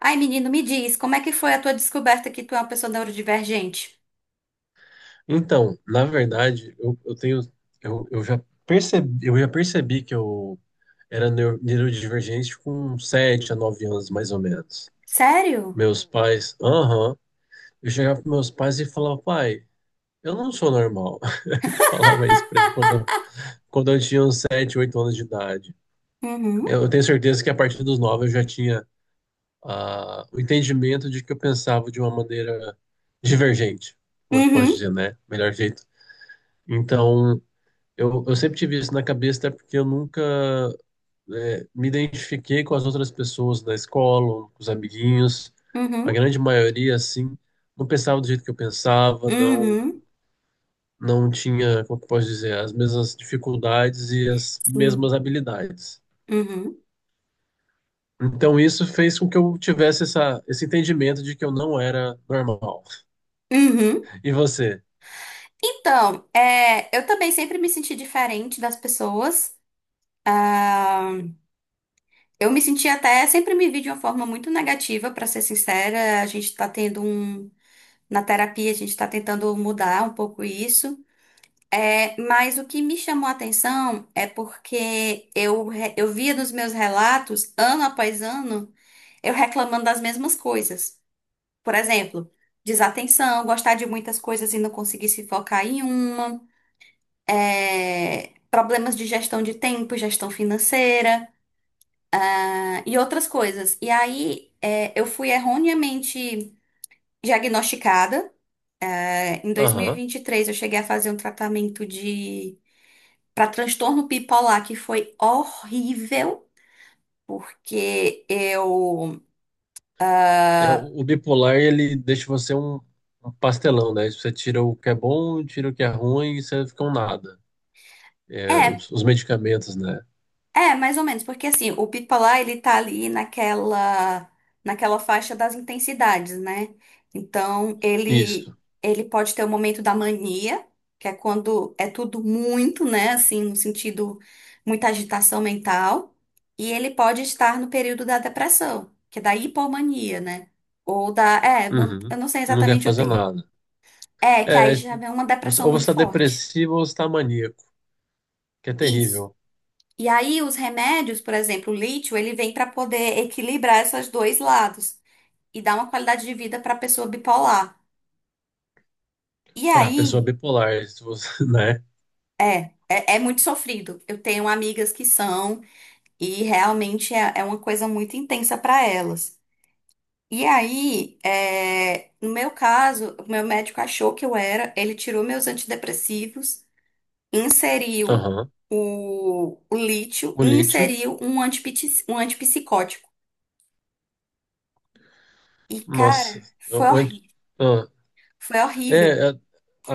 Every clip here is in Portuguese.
Ai, menino, me diz, como é que foi a tua descoberta que tu é uma pessoa neurodivergente? Então, na verdade, eu já percebi que eu era neurodivergente com 7 a 9 anos, mais ou menos. Sério? Meus pais, aham, eu chegava para meus pais e falava: pai, eu não sou normal. Falava isso para ele quando, quando eu tinha uns 7, 8 anos de idade. Uhum, Eu tenho certeza que a partir dos 9 eu já tinha, o entendimento de que eu pensava de uma maneira divergente, como é que eu posso uhum, dizer, né? Melhor jeito. Então, eu sempre tive isso na cabeça, até porque eu nunca, me identifiquei com as outras pessoas da escola, com os amiguinhos. A uhum, grande maioria, assim, não pensava do jeito que eu pensava, não, uhum, não tinha, como que eu posso dizer, as mesmas dificuldades e as mesmas sim, habilidades. uhum, Então, isso fez com que eu tivesse essa, esse entendimento de que eu não era normal. uhum. E você? Então, eu também sempre me senti diferente das pessoas. Ah, eu me senti até, sempre me vi de uma forma muito negativa, pra ser sincera. A gente tá tendo um, na terapia, a gente tá tentando mudar um pouco isso. É, mas o que me chamou a atenção é porque eu, eu via nos meus relatos, ano após ano, eu reclamando das mesmas coisas. Por exemplo, desatenção, gostar de muitas coisas e não conseguir se focar em uma, problemas de gestão de tempo, gestão financeira, e outras coisas. E aí, eu fui erroneamente diagnosticada. É, em Aham. 2023, eu cheguei a fazer um tratamento de para transtorno bipolar, que foi horrível, porque eu. É, o bipolar, ele deixa você um pastelão, né? Você tira o que é bom, tira o que é ruim e você fica um nada. É, É, os medicamentos, né? é, mais ou menos, porque assim, o bipolar ele tá ali naquela, naquela faixa das intensidades, né? Então, Isso. ele pode ter o momento da mania, que é quando é tudo muito, né? Assim, no sentido, muita agitação mental. E ele pode estar no período da depressão, que é da hipomania, né? Ou da. É, eu Uhum. não sei Não quer exatamente o fazer termo. nada. É, que aí É, já tipo, vem uma depressão ou você muito está forte. depressivo ou você tá maníaco, que é Isso. terrível E aí os remédios, por exemplo, o lítio, ele vem para poder equilibrar esses dois lados e dar uma qualidade de vida para a pessoa bipolar. E para a pessoa aí, bipolar, se você, né? é, é, é muito sofrido. Eu tenho amigas que são e realmente é, é uma coisa muito intensa para elas. E aí, no meu caso, o meu médico achou que eu era, ele tirou meus antidepressivos. Inseriu Aham. O lítio, O lítio, inseriu um um antipsicótico. E, cara, nossa. foi O anti- horrível. ah. Foi horrível. É, a,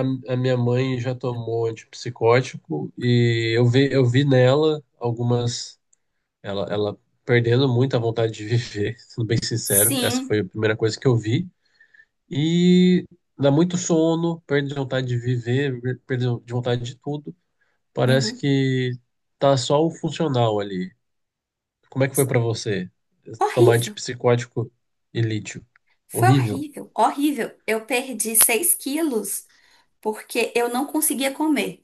a a minha mãe já tomou antipsicótico e eu vi nela algumas, ela perdendo muito a vontade de viver, sendo bem sincero. Essa foi Sim. a primeira coisa que eu vi. E dá muito sono, perde vontade de viver, perde de vontade de tudo. Parece Uhum. que tá só o funcional ali. Como é que foi pra você? Tomar Horrível. antipsicótico e lítio. Foi Horrível. horrível. Horrível. Eu perdi 6 quilos porque eu não conseguia comer.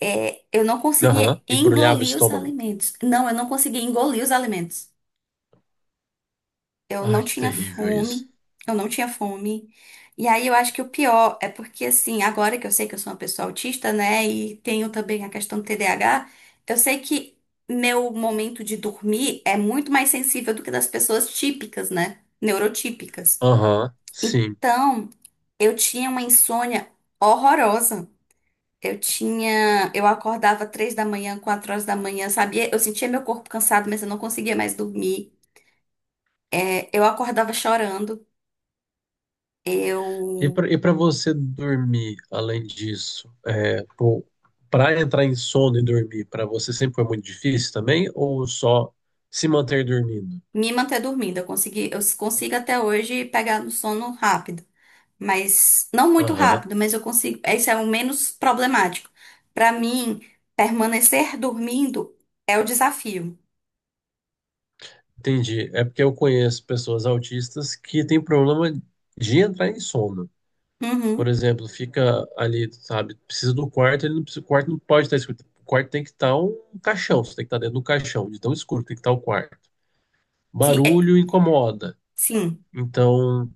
É, eu não conseguia Aham. Embrulhava o engolir os estômago. alimentos. Não, eu não conseguia engolir os alimentos. Eu não Ai, que tinha terrível isso. fome, eu não tinha fome. E aí eu acho que o pior é porque, assim, agora que eu sei que eu sou uma pessoa autista, né, e tenho também a questão do TDAH, eu sei que meu momento de dormir é muito mais sensível do que das pessoas típicas, né, neurotípicas. Aham, sim. Então, eu tinha uma insônia horrorosa. Eu acordava três da manhã, quatro horas da manhã, sabia? Eu sentia meu corpo cansado, mas eu não conseguia mais dormir. É, eu acordava chorando. E Eu para e para você dormir, além disso, para entrar em sono e dormir, para você sempre foi muito difícil também, ou só se manter dormindo? me manter dormindo. Eu consigo até hoje pegar no sono rápido, mas não muito Aham, rápido, mas eu consigo. Esse é o menos problemático. Pra mim, permanecer dormindo é o desafio. entendi. É porque eu conheço pessoas autistas que têm problema de entrar em sono. Por Uhum. exemplo, fica ali, sabe, precisa do quarto, ele não precisa, o quarto não pode estar escuro. O quarto tem que estar um caixão, você tem que estar dentro do caixão, de tão escuro que tem que estar o quarto. Sim, Barulho incomoda. sim. Então,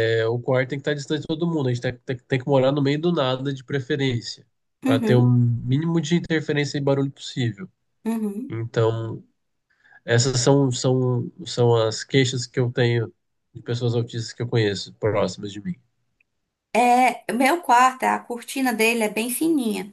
O quarto tem que estar distante de todo mundo. A gente tem, tem que morar no meio do nada, de preferência, para ter o Uhum, mínimo de interferência e barulho possível. uhum. Então, essas são as queixas que eu tenho de pessoas autistas que eu conheço, próximas de mim. É, o meu quarto, a cortina dele é bem fininha.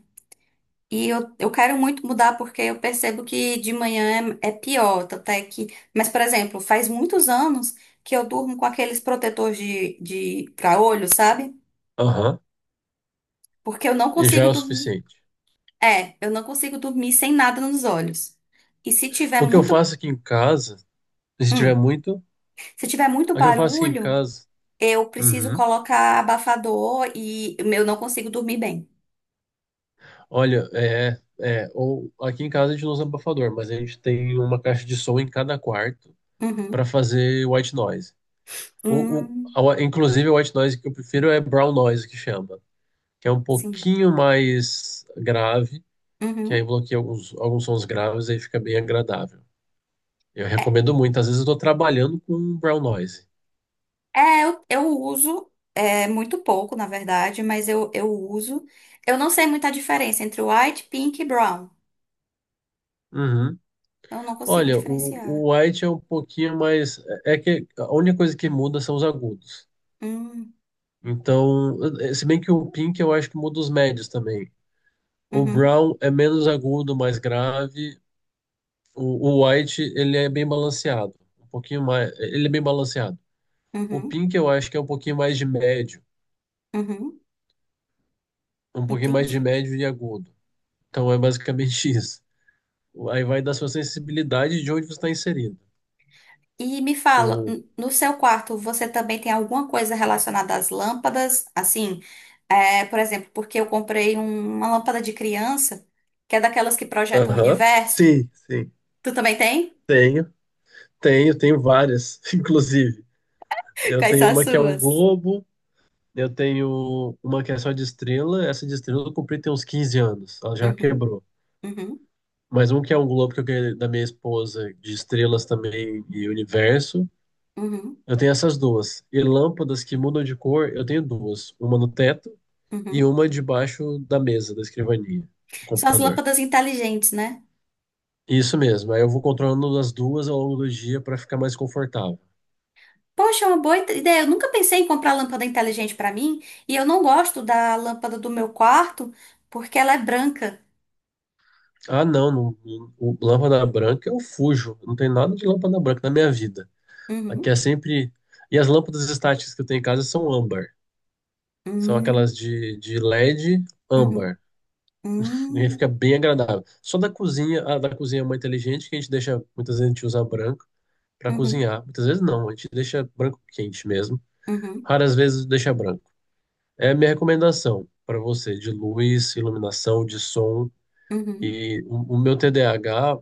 E eu quero muito mudar porque eu percebo que de manhã é, é pior, tanto é que... Mas, por exemplo, faz muitos anos que eu durmo com aqueles protetores de pra olho, sabe? Aham. Porque eu não E já é consigo o dormir. suficiente. É, eu não consigo dormir sem nada nos olhos. E se tiver O que eu muito... faço aqui em casa, se tiver Hum, muito, se tiver muito o que eu faço aqui em barulho, casa, eu preciso uhum, colocar abafador e eu não consigo dormir bem. olha, ou aqui em casa a gente não usa abafador, mas a gente tem uma caixa de som em cada quarto Uhum. para fazer white noise. O, Hum, Inclusive, o white noise que eu prefiro é brown noise, que chama, que é um sim. pouquinho mais grave, que aí Uhum. bloqueia alguns sons graves e aí fica bem agradável. Eu recomendo muito. Às vezes eu estou trabalhando com brown noise. É, eu uso, é muito pouco, na verdade, mas eu uso. Eu não sei muita diferença entre white, pink e brown. Uhum. Eu não consigo Olha, o, diferenciar. o white é um pouquinho mais. É que a única coisa que muda são os agudos. Hum, Então, se bem que o pink eu acho que muda os médios também. O uhum, brown é menos agudo, mais grave. O white, ele é bem balanceado. Um pouquinho mais. Ele é bem balanceado. O uhum, pink, eu acho que é um pouquinho mais de médio. uhum, Um pouquinho mais de entendi. médio e agudo. Então é basicamente isso. Aí vai da sua sensibilidade de onde você está inserido. E me fala, O... no seu quarto, você também tem alguma coisa relacionada às lâmpadas? Assim, é, por exemplo, porque eu comprei uma lâmpada de criança, que é daquelas que projetam o Aham. universo. Sim, sim. Tu também tem? Tenho, tenho várias, inclusive. Eu Quais são tenho as uma que é um suas? globo, eu tenho uma que é só de estrela. Essa de estrela eu comprei tem uns 15 anos. Ela já Uhum, quebrou. uhum, Mas um que é um globo que eu ganhei da minha esposa, de estrelas também e universo. uhum, Eu tenho essas duas. E lâmpadas que mudam de cor, eu tenho duas. Uma no teto e uhum. uma debaixo da mesa, da escrivaninha, do São as computador. lâmpadas inteligentes, né? Isso mesmo. Aí eu vou controlando as duas ao longo do dia para ficar mais confortável. Poxa, é uma boa ideia. Eu nunca pensei em comprar lâmpada inteligente pra mim. E eu não gosto da lâmpada do meu quarto porque ela é branca. Ah, não, não, não. O lâmpada branca eu fujo. Não tem nada de lâmpada branca na minha vida. Aqui Uhum. é sempre. E as lâmpadas estáticas que eu tenho em casa são âmbar. São aquelas Hum, de LED uhum, âmbar. E fica hum, bem agradável. Só da cozinha, a da cozinha é muito inteligente, que a gente deixa, muitas vezes a gente usa branco para uhum, cozinhar. Muitas vezes não, a gente deixa branco quente mesmo. uhum, Raras vezes deixa branco. É a minha recomendação para você de luz, iluminação, de som. uhum, E o meu TDAH,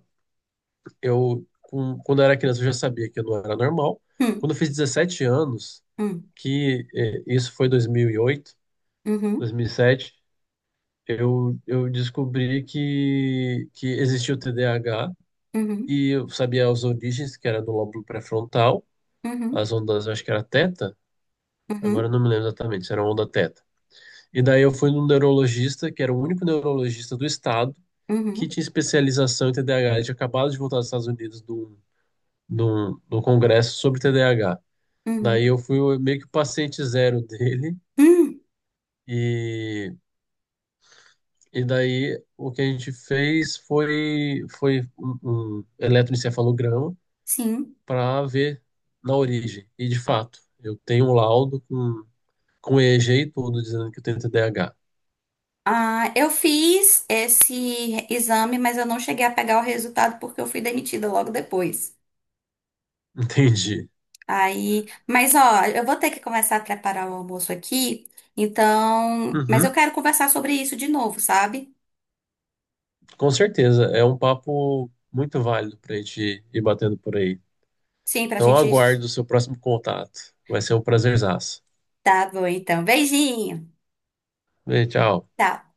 eu quando eu era criança eu já sabia que não era normal. hum, Quando eu fiz 17 anos, hum, que isso foi dois mil e oito, uhum, 2007, eu descobri que existia o TDAH. uhum, E eu sabia as origens, que era do lóbulo pré-frontal, uhum, as ondas, eu acho que era teta, agora eu uhum, não me lembro exatamente se era onda teta. E daí eu fui num neurologista, que era o único neurologista do estado, que uhum, tinha especialização em TDAH. Ele tinha acabado de voltar dos Estados Unidos do congresso sobre TDAH. Daí uhum. eu fui meio que o paciente zero dele, Hum, e, e daí o que a gente fez foi, foi um, um eletroencefalograma, sim. para ver na origem. E de fato, eu tenho um laudo com EEG e G e tudo dizendo que eu tenho TDAH. Ah, eu fiz esse exame, mas eu não cheguei a pegar o resultado porque eu fui demitida logo depois. Entendi. Aí, mas ó, eu vou ter que começar a preparar o almoço aqui, então, mas eu Uhum, quero conversar sobre isso de novo, sabe? com certeza, é um papo muito válido para a gente ir batendo por aí. Sim, pra Então, gente. aguardo o seu próximo contato. Vai ser um prazerzaço. Tá bom, então. Beijinho. Beijo, tchau. Tchau.